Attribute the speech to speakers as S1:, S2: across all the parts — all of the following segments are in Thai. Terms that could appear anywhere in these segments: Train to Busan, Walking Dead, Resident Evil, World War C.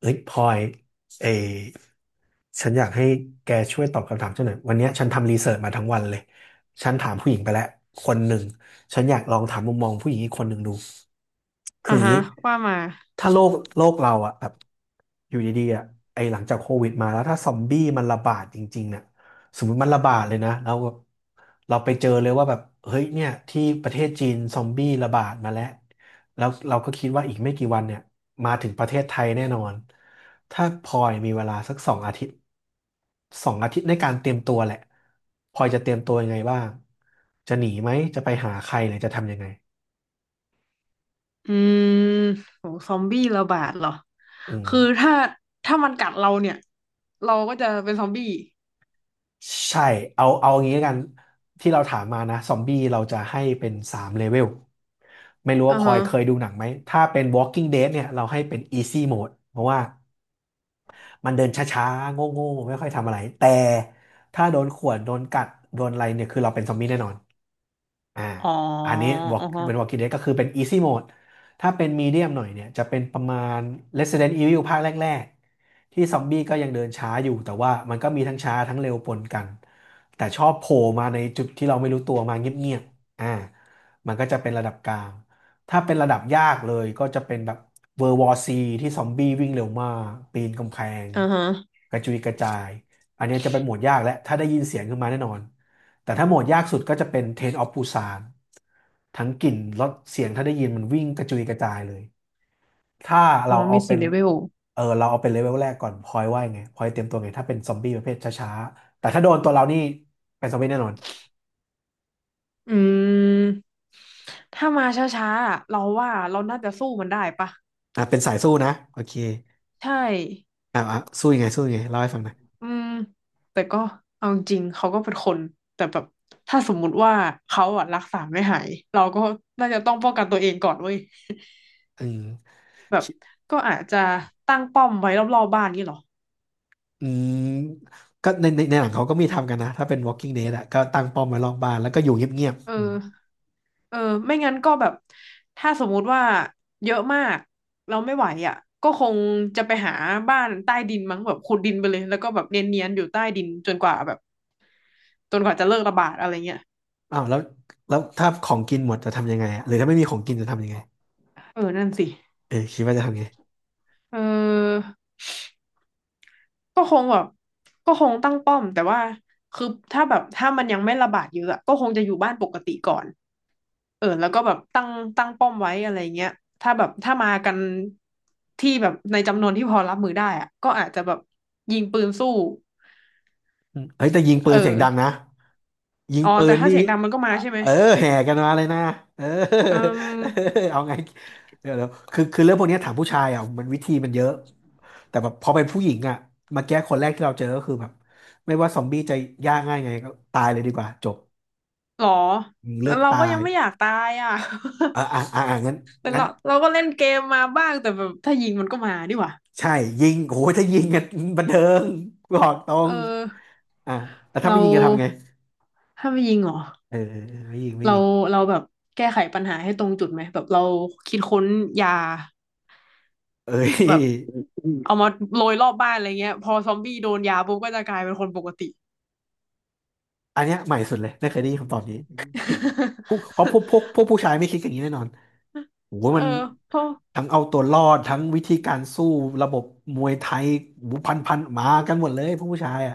S1: เฮ้ยพลอยเอยฉันอยากให้แกช่วยตอบคำถามฉันหน่อยวันเนี้ยฉันทำรีเสิร์ชมาทั้งวันเลยฉันถามผู้หญิงไปแล้วคนหนึ่งฉันอยากลองถามมุมมองผู้หญิงอีกคนหนึ่งดูคือ
S2: อ่า
S1: อย่าง
S2: ฮะ
S1: นี้
S2: ว่ามา
S1: ถ้าโลกเราอะแบบอยู่ดีๆอะไอหลังจากโควิดมาแล้วถ้าซอมบี้มันระบาดจริงๆเนี่ยสมมติมันระบาดเลยนะแล้วเราไปเจอเลยว่าแบบเฮ้ยเนี่ยที่ประเทศจีนซอมบี้ระบาดมาแล้วแล้วเราก็คิดว่าอีกไม่กี่วันเนี่ยมาถึงประเทศไทยแน่นอนถ้าพลอยมีเวลาสักสองอาทิตย์สองอาทิตย์ในการเตรียมตัวแหละพลอยจะเตรียมตัวยังไงบ้างจะหนีไหมจะไปหาใครหรือจะทำยังไง
S2: อืมโหซอมบี้ระบาดเหรอ
S1: อืม
S2: คือถ้ามันกัดเราเนี่ยเราก็จะเป็นซอมบี้
S1: ใช่เอาอย่างนี้แล้วกันที่เราถามมานะซอมบี้เราจะให้เป็นสามเลเวลไม่รู้ว่า
S2: อ่า
S1: พลอ
S2: ฮะ
S1: ยเคยดูหนังไหมถ้าเป็น Walking Dead เนี่ยเราให้เป็น Easy Mode เพราะว่า มันเดินช้าๆโง่ๆไม่ค่อยทำอะไร แต่ถ้าโดนข่วนโดนกัด โดนอะไรเนี่ย คือเราเป็นซอมบี้แน่นอนอ่า
S2: อ๋อ
S1: อันนี้บอก
S2: อ่าฮะ
S1: เป็น Walking Dead ก็คือเป็น Easy Mode ถ้าเป็น Medium หน่อยเนี่ย จะเป็นประมาณ Resident Evil ภาคแรกๆ ที่ซอมบี้ก็ยังเดินช้าอยู่ แต่ว่ามันก็มีทั้งช้าทั้งเร็วปนกัน แต่ชอบโผล่มาในจุดที่เราไม่รู้ตัวมาเงียบๆอ่ามันก็จะเป็นระดับกลาง ถ้าเป็นระดับยากเลยก็จะเป็นแบบเวอร์วอซีที่ซอมบี้วิ่งเร็วมากปีนกำแพง
S2: อ่าฮะ
S1: กระจุยกระจายอันเนี้ยจะเป็นโหมดยากและถ้าได้ยินเสียงขึ้นมาแน่นอนแต่ถ้าโหมดยากสุดก็จะเป็นเทรนออฟปูซานทั้งกลิ่นรสเสียงถ้าได้ยินมันวิ่งกระจุยกระจายเลยถ้า
S2: อ่า
S1: เราเอา
S2: มี
S1: เป็
S2: สี่
S1: น
S2: เลเวล
S1: เออเราเอาเป็นเลเวลแรกก่อนพลอยว่ายังไงพลอยเตรียมตัวไงถ้าเป็นซอมบี้ประเภทช้าๆแต่ถ้าโดนตัวเรานี่เป็นซอมบี้แน่นอน
S2: อืมถ้ามาช้าๆอะเราว่าเราน่าจะสู้มันได้ปะ
S1: อ่ะเป็นสายสู้นะโอเค
S2: ใช่
S1: อ่ะสู้ยังไงสู้ยังไงเล่าให้ฟังหน่อย
S2: อืมแต่ก็เอาจริงๆเขาก็เป็นคนแต่แบบถ้าสมมุติว่าเขาอะรักษาไม่หายเราก็น่าจะต้องป้องกันตัวเองก่อนเว้ย
S1: อืม
S2: แบบก็อาจจะตั้งป้อมไว้รอบๆบ้านนี่หรอ
S1: อืมก็ในหนังเขาก็มีทำกันนะถ้าเป็น Walking Dead อะก็ตั้งป้อมไว้รอบบ้านแล้วก็อยู่เงียบ
S2: เอ
S1: ๆอืม
S2: อเออไม่งั้นก็แบบถ้าสมมุติว่าเยอะมากเราไม่ไหวอ่ะก็คงจะไปหาบ้านใต้ดินมั้งแบบขุดดินไปเลยแล้วก็แบบเนียนๆอยู่ใต้ดินจนกว่าแบบจนกว่าจะเลิกระบาดอะไรเงี้ย
S1: อ้าวแล้วถ้าของกินหมดจะทำยังไงอะหรือถ้าไม่มีของกินจะทำยังไง
S2: เออนั่นสิ
S1: เออคิดว่าจะทำไง
S2: เออก็คงแบบก็คงตั้งป้อมแต่ว่าคือถ้าแบบถ้ามันยังไม่ระบาดเยอะอะก็คงจะอยู่บ้านปกติก่อน เออแล้วก็แบบตั้งป้อมไว้อะไรเงี้ยถ้าแบบถ้ามากันที่แบบในจำนวนที่พอรับมือได้อะก็อาจจะแบบยิงปืนสู้
S1: อืมเฮ้ยแต่ยิงปื
S2: เอ
S1: น
S2: อ
S1: เสียงดังนะยิง
S2: อ๋อ
S1: ปื
S2: แต่
S1: น
S2: ถ้า
S1: นี่
S2: เสียงดังมันก็มาใช่ไหม
S1: เออแห่กันมาเลยนะเออ
S2: เออ
S1: เอาไงเดี๋ยวคือเรื่องพวกนี้ถามผู้ชายอ่ะมันวิธีมันเยอะแต่แบบพอเป็นผู้หญิงอ่ะมาแก้คนแรกที่เราเจอก็คือแบบไม่ว่าซอมบี้จะยากง่ายไงก็ตายเลยดีกว่าจบ
S2: หรอ
S1: เลื
S2: แล้
S1: อ
S2: ว
S1: ก
S2: เราก็
S1: ตา
S2: ยั
S1: ย
S2: งไม่อยากตายอ่ะ
S1: อ่างั้น
S2: แต่
S1: งั้น
S2: เราก็เล่นเกมมาบ้างแต่แบบถ้ายิงมันก็มาดีกว่า
S1: ใช่ยิงโอ้ยถ้ายิงกันบันเทิงบอกตร
S2: เอ
S1: ง
S2: อ
S1: อ่าแล้วถ้าไม่
S2: เรา
S1: ยิงกันทำไง
S2: ถ้าไม่ยิงเหรอ
S1: เออไม่ยิงไม่
S2: เรา
S1: ยิง
S2: เราแบบแก้ไขปัญหาให้ตรงจุดไหมแบบเราคิดค้นยา
S1: เอ้
S2: แบบ
S1: ย
S2: เอามาโรยรอบบ้านอะไรเงี้ยพอซอมบี้โดนยาปุ๊บก็จะกลายเป็นคนปกติ
S1: อันเนี้ยใหม่สุดเลยไม่เคยได้ยินคำตอบนี้พวกเพราะพวกพวก พวกผู้ชายไม่คิดอย่างนี้แน่นอนโอ้โห
S2: เอ
S1: มั
S2: อ
S1: น
S2: เพราะ
S1: ทั้งเอาตัวรอดทั้งวิธีการสู้ระบบมวยไทยโอ้โหพันมากันหมดเลยพวกผู้ชายอ่ะ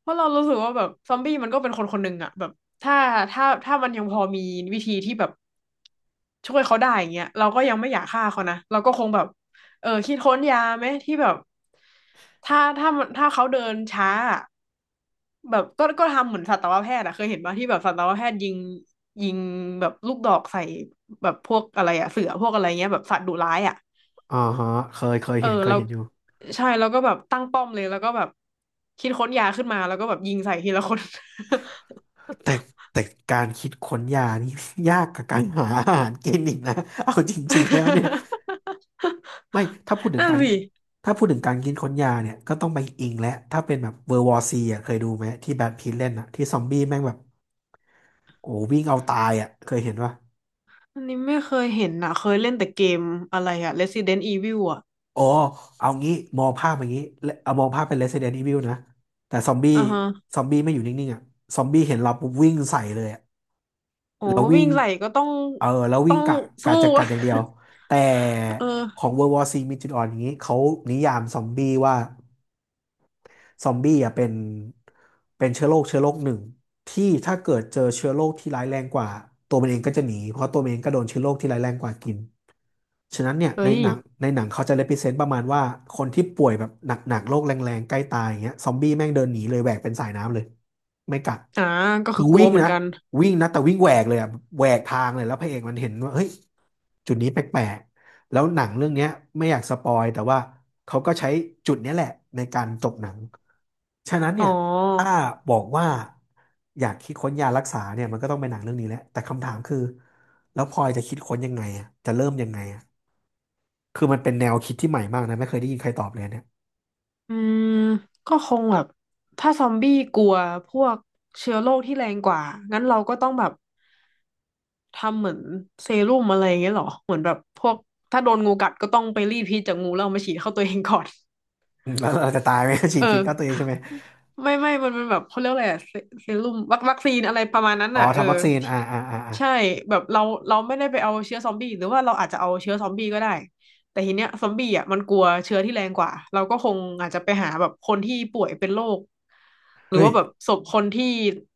S2: เพราะเรารู้สึกว่าแบบซอมบี้มันก็เป็นคนคนหนึ่งอะแบบถ้าถ้ามันยังพอมีวิธีที่แบบช่วยเขาได้อย่างเงี้ยเราก็ยังไม่อยากฆ่าเขานะเราก็คงแบบเออคิดค้นยาไหมที่แบบถ้าเขาเดินช้าอะแบบก็ทำเหมือนสัตวแพทย์อะเคยเห็นป่ะที่แบบสัตวแพทย์ยิงแบบลูกดอกใส่แบบพวกอะไรอะเสือพวกอะไรเงี้ยแบบสัตว์ดุร้ายอะ
S1: อ่าฮะเคย
S2: เออ
S1: เห็นเคย
S2: เรา
S1: เห็นอยู่
S2: ใช่แล้วก็แบบตั้งป้อมเลยแล้วก็แบบคิดค้นยาขึ้นมาแล้วก็แบบยิงใส่ทีละคน
S1: แต่แต่การคิดค้นยานี่ ยากกับการหาอาหารกินอีกนะเอาจริงๆแล้วเนี่ย ไม่ถ้าพูดถึง
S2: นั่น
S1: การ
S2: สิ
S1: ถ้าพูดถึงการกินค้นยาเนี่ยก็ต้องไปอิงและถ้าเป็นแบบเวอร์วอร์ซีอ่ะเคยดูไหมที่แบทพีทเล่นอ่ะที่ซอมบี้แม่งแบบโอ้วิ่งเอาตายอ่ะเคยเห็นปะ
S2: อันนี้ไม่เคยเห็นนะเคยเล่นแต่เกมอะไรอะ Resident Evil อะ
S1: อ๋อเอางี้มองภาพอย่างนี้และเอามองภาพเป็น Resident Evil นะแต่ซอมบี้
S2: อ่าฮะ
S1: ไม่อยู่นิ่งๆอ่ะซอมบี้เห็นเราปุ๊บวิ่งใส่เลยอ่ะ
S2: โอ้
S1: แล้ววิ่
S2: วิ่
S1: ง
S2: งใส่ก็ต้อง
S1: เออแล้ววิ่
S2: ต้อ
S1: ง
S2: ง
S1: กะ
S2: สู้
S1: จะกัดอย่างเดียว แต่ข
S2: เออ
S1: อง World War C มีจุดอ่อนอย่างนี้เขานิยามซอมบี้ว่า ซอมบี้อ่ะเป็นเชื้อโรคเชื้อโรคหนึ่งที่ถ้าเกิดเจอเชื้อโรคที่ร้ายแรงกว่าตัวมันเองก็จะหนีเพราะตัวมันเองก็โดนเชื้อโรคที่ร้ายแรงกว่ากินฉะนั้นเนี่ย
S2: เฮ้
S1: ใน
S2: ย
S1: หนังในหนังเขาจะ represent ประมาณว่าคนที่ป่วยแบบหนักๆโรคแรงๆใกล้ตายอย่างเงี้ยซอมบี้แม่งเดินหนีเลยแหวกเป็นสายน้ำเลยไม่กัด
S2: อ่าก็
S1: คื
S2: คื
S1: อ
S2: อกลั
S1: วิ่
S2: ว
S1: ง
S2: เหมือน
S1: นะ
S2: กัน
S1: วิ่งนะแต่วิ่งแหวกเลยอะแหวกทางเลยแล้วพระเอกมันเห็นว่าเฮ้ยจุดนี้แปลก แล้วหนังเรื่องเนี้ยไม่อยากสปอยแต่ว่าเขาก็ใช้จุดเนี้ยแหละในการจบหนังฉะนั้น
S2: อ๋
S1: เนี่ยถ้า
S2: อ
S1: บอกว่าอยากคิดค้นยารักษาเนี่ยมันก็ต้องเป็นหนังเรื่องนี้แหละแต่คำถามคือแล้วพลอยจะคิดค้นยังไงอะจะเริ่มยังไงอะคือมันเป็นแนวคิดที่ใหม่มากนะไม่เคยได้ยินใครตอบเลยเนี่ย
S2: อืมก็คงแบบถ้าซอมบี้กลัวพวกเชื้อโรคที่แรงกว่างั้นเราก็ต้องแบบ ทำเหมือนเซรุ่มอะไรอย่างเงี้ยเหรอเหมือนแบบพวกถ้าโดนงูกัดก็ต้องไปรีดพิษจากงูแล้วเอามาฉีดเข้าตัวเองก่อน
S1: อืมแล้วเราจะตายไหม ฉี
S2: เอ
S1: ดพิษเข้าตัวเอง
S2: อ
S1: ใช่ไหม
S2: ไม่มันแบบเขาเรียกอะไรอะเซรุ่มวัคซีนอะไรประมาณนั้น
S1: อ๋อ
S2: น่ะเออ
S1: ทำวัคซีน
S2: ใช่แบบเราไม่ได้ไปเอาเชื้อซอมบี้หรือว่าเราอาจจะเอาเชื้อซอมบี้ก็ได้แต่ทีเนี้ยซอมบี้อ่ะมันกลัวเชื้อที่แรงกว่าเราก็คงอาจจะไปหาแบบคนที่ป่วยเป็นโรคหรือ
S1: เฮ้ย
S2: ว่าแบบศพคนที่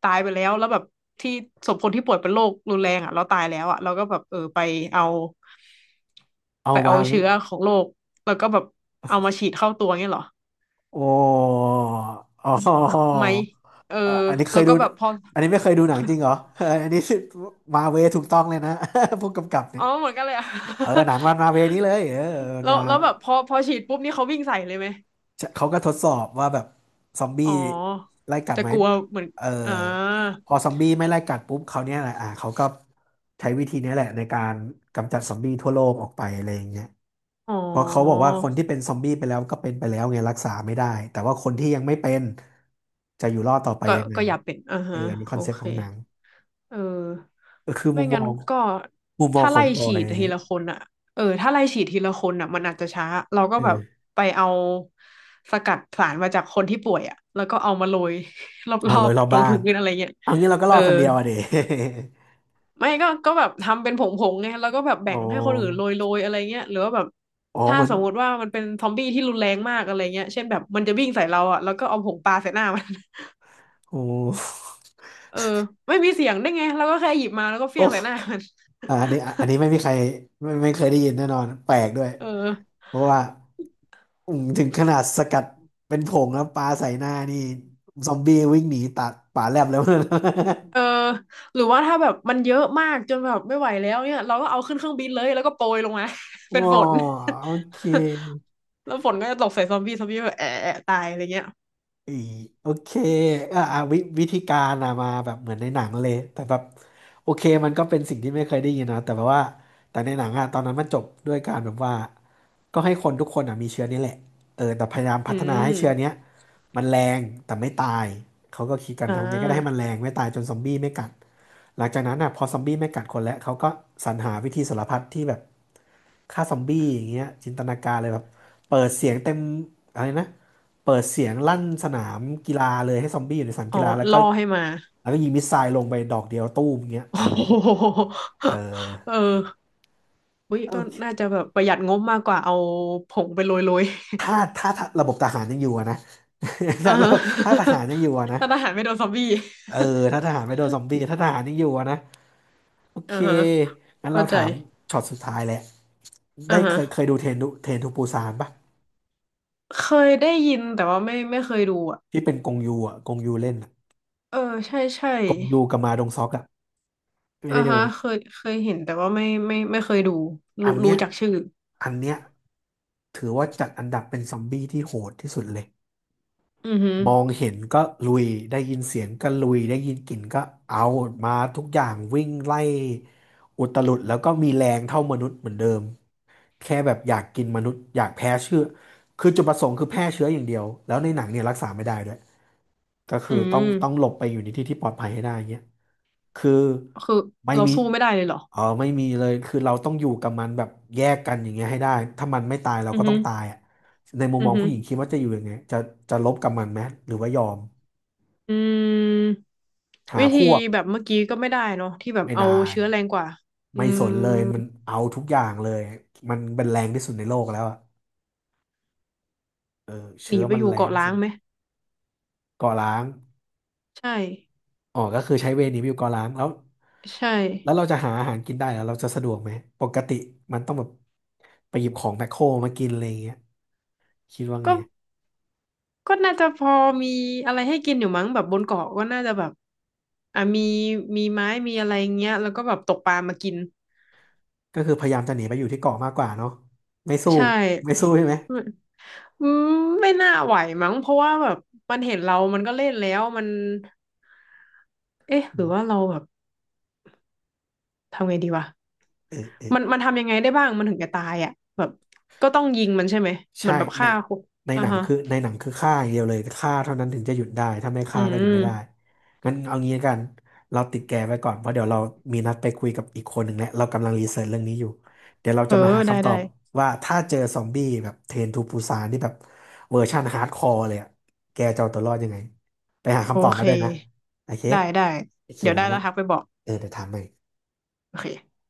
S2: ตายไปแล้วแล้วแบบที่ศพคนที่ป่วยเป็นโรครุนแรงอ่ะเราตายแล้วอ่ะเราก็แบบเออไปเอา
S1: เอาวาง
S2: เชื้อของโรคแล้วก็แบบเอามาฉีดเข้าตัวเงี้ยเหรอ
S1: โอ้อ๋อ
S2: ไหมเออ
S1: อ่ะอันนี้เค
S2: แล้
S1: ย
S2: ว
S1: ดู
S2: ก็แบบพอ
S1: อันนี้ไม่เคยดูหนังจริงเหรอเออ อันนี้มาเวถูกต้องเลยนะ ผู้กำกับเนี่
S2: อ๋
S1: ย
S2: อเหมือนกันเลยอะ
S1: เออหนังรันมาเวนี้เลยเออ
S2: แล้ว
S1: นา
S2: แล้วแบบพอฉีดปุ๊บนี่เขาวิ่งใส่เลยไหม
S1: เขาก็ทดสอบว่าแบบซอมบี้
S2: อ๋อ
S1: ไล่กัด
S2: จะ
S1: ไหม
S2: กลัวเหมือน
S1: เออ
S2: อ่า
S1: พอซอมบี้ไม่ไล่กัดปุ๊บเขาวเนี่ยแหละอ่ะเขาก็ใช้วิธีนี้แหละในการกำจัดซอมบี้ทั่วโลกออกไปอะไรอย่างเงี้ย
S2: อ๋
S1: เพราะเขาบอก
S2: อ
S1: ว่าคนที่เป็นซอมบี้ไปแล้วก็เป็นไปแล้วไงรักษาไม่ได้แต่ว่าคนที่ยังไม่เป็นจะอยู่รอดต่อไป
S2: ก็
S1: ยังไง
S2: ก็อย่าเป็นอ่า
S1: เออ
S2: ฮะ
S1: อันนี้ค
S2: โอ
S1: อนเซ็ปต์
S2: เค
S1: ของหนัง
S2: เออ
S1: ก็คือมุ
S2: ไม่
S1: มม
S2: งั้
S1: อ
S2: น
S1: ง
S2: ก็ถ้า
S1: ขอ
S2: ไล่
S1: งบอ
S2: ฉี
S1: ย
S2: ดทีละคนอ่ะเออ ถ้าไล่ฉีดทีละคนอ่ะมันอาจจะช้า เราก็
S1: อื
S2: แบบ
S1: ม
S2: ไปเอาสกัดสารมาจากคนที่ป่วยอ่ะแล้วก็เอามาโรย ร
S1: ผ่าน
S2: อ
S1: ลอ
S2: บ
S1: ยรอบ
S2: ๆตรง
S1: บ้าน
S2: พื้นอะไรเงี้ย
S1: เอางี้เราก็ร
S2: เออ
S1: อดคนเดียวอะเด
S2: ไม่ก็แบบทำเป็นผงๆไงแล้วก็แบบ
S1: อ๋
S2: แบ่
S1: อ
S2: งให้คนอื่นโรยๆอะไรเงี้ยหรือว่าแบบ
S1: อ๋อ
S2: ถ้า
S1: เหมือน
S2: สมมติว่ามันเป็นซอมบี้ที่รุนแรงมากอะไรเงี้ยเช่นแบบมันจะวิ่งใส่เราอ่ะแล้วก็เอาผงปลาใส่หน้ามัน
S1: โอ้
S2: เออไม่มีเสียงได้ไงแล้วก็แค่หยิบมาแล้วก็
S1: โอ้
S2: เฟี้ยงใส่หน้ามัน
S1: อ่ะอันนี้ไม่ มีใคร ไม่เคยได้ยินแน่นอน แปลกด้วย
S2: เออ
S1: เพราะว่าอืมถึงขนาดสกัดเป็นผงแล้วปลาใส่หน้านี่ ซอมบี้วิ่งหนีตัดป่าแลบแล้วนะ
S2: เออหรือว่าถ้าแบบมันเยอะมากจนแบบไม่ไหวแล้วเนี่ยเราก็เอาขึ้นเครื่องบินเลยแล้วก็โปรยลงมา
S1: อ๋อ
S2: เป็นฝน
S1: โอเค
S2: แล้วฝนก็จะตกใส่ซอมบี้ซอมบี้แบบแอะแอะตายอะไรเงี้ย
S1: อีโอเคอ่ะอ่ะวิธีการอะมาแบบเหมือนในหนังเลยแต่แบบโอเคมันก็เป็นสิ่งที่ไม่เคยได้ยินนะแต่แบบว่าแต่ในหนังอะตอนนั้นมันจบด้วยการแบบว่าก็ให้คนทุกคนอะมีเชื้อนี้แหละเออแต่พยายามพั
S2: อื
S1: ฒนาให้เชื้อเนี้ย
S2: ม
S1: มันแรงแต่ไม่ตายเขาก็คิดกัน
S2: อ่
S1: ทำไงก็ได้ให้มัน
S2: า
S1: แรงไม่ตายจนซอมบี้ไม่กัด หลังจากนั้นอ่ะพอซอมบี้ไม่กัดคนแล้วเขาก็สรรหาวิธีสารพัดที่แบบฆ่าซอมบี้อย่างเงี้ยจินตนาการเลยแบบเปิดเสียงเต็มอะไรนะเปิดเสียงลั่นสนามกีฬาเลยให้ซอมบี้อยู่ในสนาม
S2: อ๋อ
S1: กีฬาแล้วก็
S2: ล่อให้มา
S1: ยิงมิสไซล์ลงไปดอกเดียวตู้มอย่างเงี้ย
S2: โอ้
S1: อะไร
S2: โห
S1: เออ
S2: เออวิ
S1: โอ
S2: ก็น่า
S1: เค
S2: จะแบบประหยัดงบมากกว่าเอาผงไปโรย
S1: ถ้าระบบทหารยังอยู่อะนะ
S2: อ่า
S1: ถ้าเรา
S2: ฮะ
S1: ถ้าทหารยังอยู่อะ นะ
S2: ถ้าทหารไม่โดนซอมบี้
S1: เออถ้าทหารไม่โดนซอมบี้ถ้าทหารยังอยู่อะนะโอ เค
S2: อ่าฮะ
S1: งั้น
S2: เข้า
S1: เรา
S2: ใจ
S1: ถามช็อตสุดท้ายแหละ
S2: อ่า
S1: ได้
S2: ฮะ
S1: เคยดูเทรนทูปูซานปะ
S2: เคยได้ยินแต่ว่าไม่เคยดูอ่ะ
S1: ที่เป็นกงยูอ่ะกงยูเล่นอะ
S2: เออใช่ใช่
S1: กงยูกับมาดงซอกอ่ะไม่
S2: อ่า
S1: ได้ดู
S2: ฮะเคยเห็นแต่ว่าไม่เคยดู
S1: อั
S2: รู้
S1: นเนี้
S2: รู้
S1: ย
S2: จักชื่อ
S1: อันเนี้ยถือว่าจัดอันดับเป็นซอมบี้ที่โหดที่สุดเลย
S2: อือฮึ
S1: มองเห็นก็ลุยได้ยินเสียงก็ลุยได้ยินกลิ่นก็เอามาทุกอย่างวิ่งไล่อุตลุดแล้วก็มีแรงเท่ามนุษย์เหมือนเดิมแค่แบบอยากกินมนุษย์อยากแพ้เชื้อคือจุดประสงค์คือแพร่เชื้ออย่างเดียวแล้วในหนังเนี่ยรักษาไม่ได้ด้วย ก็
S2: อื
S1: คือต้องห
S2: ม
S1: ลบไปอยู่ในที่ที่ปลอดภัยให้ได้เงี้ยคือ
S2: คือ
S1: ไม่
S2: เรา
S1: มี
S2: สู้ไม่ได้เลยเหรอ
S1: เออไม่มีเลยคือเราต้องอยู่กับมันแบบแยกกันอย่างเงี้ยให้ได้ ถ้ามันไม่ตายเรา
S2: อือ
S1: ก็
S2: ฮึ
S1: ต้องตายอ่ะในมุม
S2: อื
S1: ม
S2: อ
S1: อง
S2: ฮึ
S1: ผู้หญิงคิดว่าจะอยู่ยังไงจะลบกับมันไหมหรือว่ายอม
S2: อืม
S1: หา
S2: วิ
S1: พ
S2: ธี
S1: วก
S2: แบบเมื่อกี้ก็ไม่ได้เนาะที่แบบ
S1: ไม่
S2: เอา
S1: ได้
S2: เชื้อแรงกว่าอื
S1: ไม่ส
S2: ม
S1: นเลยมันเอาทุกอย่างเลยมันเป็นแรงที่สุดในโลกแล้วอ่ะเออ
S2: ห
S1: เชื้
S2: นี
S1: อ
S2: ไป
S1: มั
S2: อ
S1: น
S2: ยู่
S1: แรง
S2: เกาะ
S1: ที่
S2: ล้า
S1: สุ
S2: ง
S1: ด
S2: ไหม
S1: ก่อร้าง
S2: ใช่
S1: อ๋อ ก็คือใช้เวย์หนีไปอยู่เกาะล้างแล้ว
S2: ใช่
S1: แล้วเราจะหาอาหารกินได้แล้วเราจะสะดวกไหม ปกติมันต้องแบบไปหยิบของแมคโครมากินอะไรอย่างเงี้ยคิดว่าไง
S2: ก็ก็น่าจะพอมีอะไรให้กินอยู่มั้งแบบบนเกาะก็น่าจะแบบอ่ะมีมีไม้อะไรเงี้ยแล้วก็แบบตกปลามากิน
S1: ก็คือพยายามจะหนีไปอยู่ที่เกาะมากกว่าเนาะไม่สู้
S2: ใช่
S1: ไม่สู้ใช่ไหม
S2: อืมไม่น่าไหวมั้งเพราะว่าแบบมันเห็นเรามันก็เล่นแล้วมันเอ๊ะห
S1: อื
S2: รือว่า
S1: ม
S2: เราแบบทำไงดีวะ
S1: เออเออ
S2: มันทำยังไงได้บ้างมันถึงจะตายอ่ะแบบก็ต้องยิงมันใช่ไหมเหมื
S1: ใช่
S2: อนแบบ
S1: ใน
S2: ฆ่าคน
S1: ใน
S2: อ่า
S1: หนัง
S2: ฮะ
S1: คือในหนังคือฆ่าอย่างเดียวเลยฆ่าเท่านั้นถึงจะหยุดได้ถ้าไม่
S2: อื
S1: ฆ่าก็หยุดไม่
S2: ม
S1: ได้งั้นเอางี้ละกันเราติดแกไว้ก่อนเพราะเดี๋ยวเรามีนัดไปคุยกับอีกคนหนึ่งแล้วเรากำลังรีเสิร์ชเรื่องนี้อยู่เดี๋ยวเรา
S2: เออ
S1: จะมาหา
S2: ได้
S1: คำตอ
S2: ได้
S1: บว่าถ้าเจอซอมบี้แบบเทรนทูปูซานที่แบบเวอร์ชั่นฮาร์ดคอร์เลยอะแกจะเอาตัวรอดยังไงไปหา
S2: โอ
S1: คำตอบ
S2: เค
S1: มาด้วยนะโอเค
S2: ได้
S1: โอเค
S2: เดี๋ยวได้
S1: แล้ว
S2: แล้
S1: มั
S2: ว
S1: น
S2: ทักไปบอก
S1: เออเดี๋ยวถามใหม่
S2: โอเค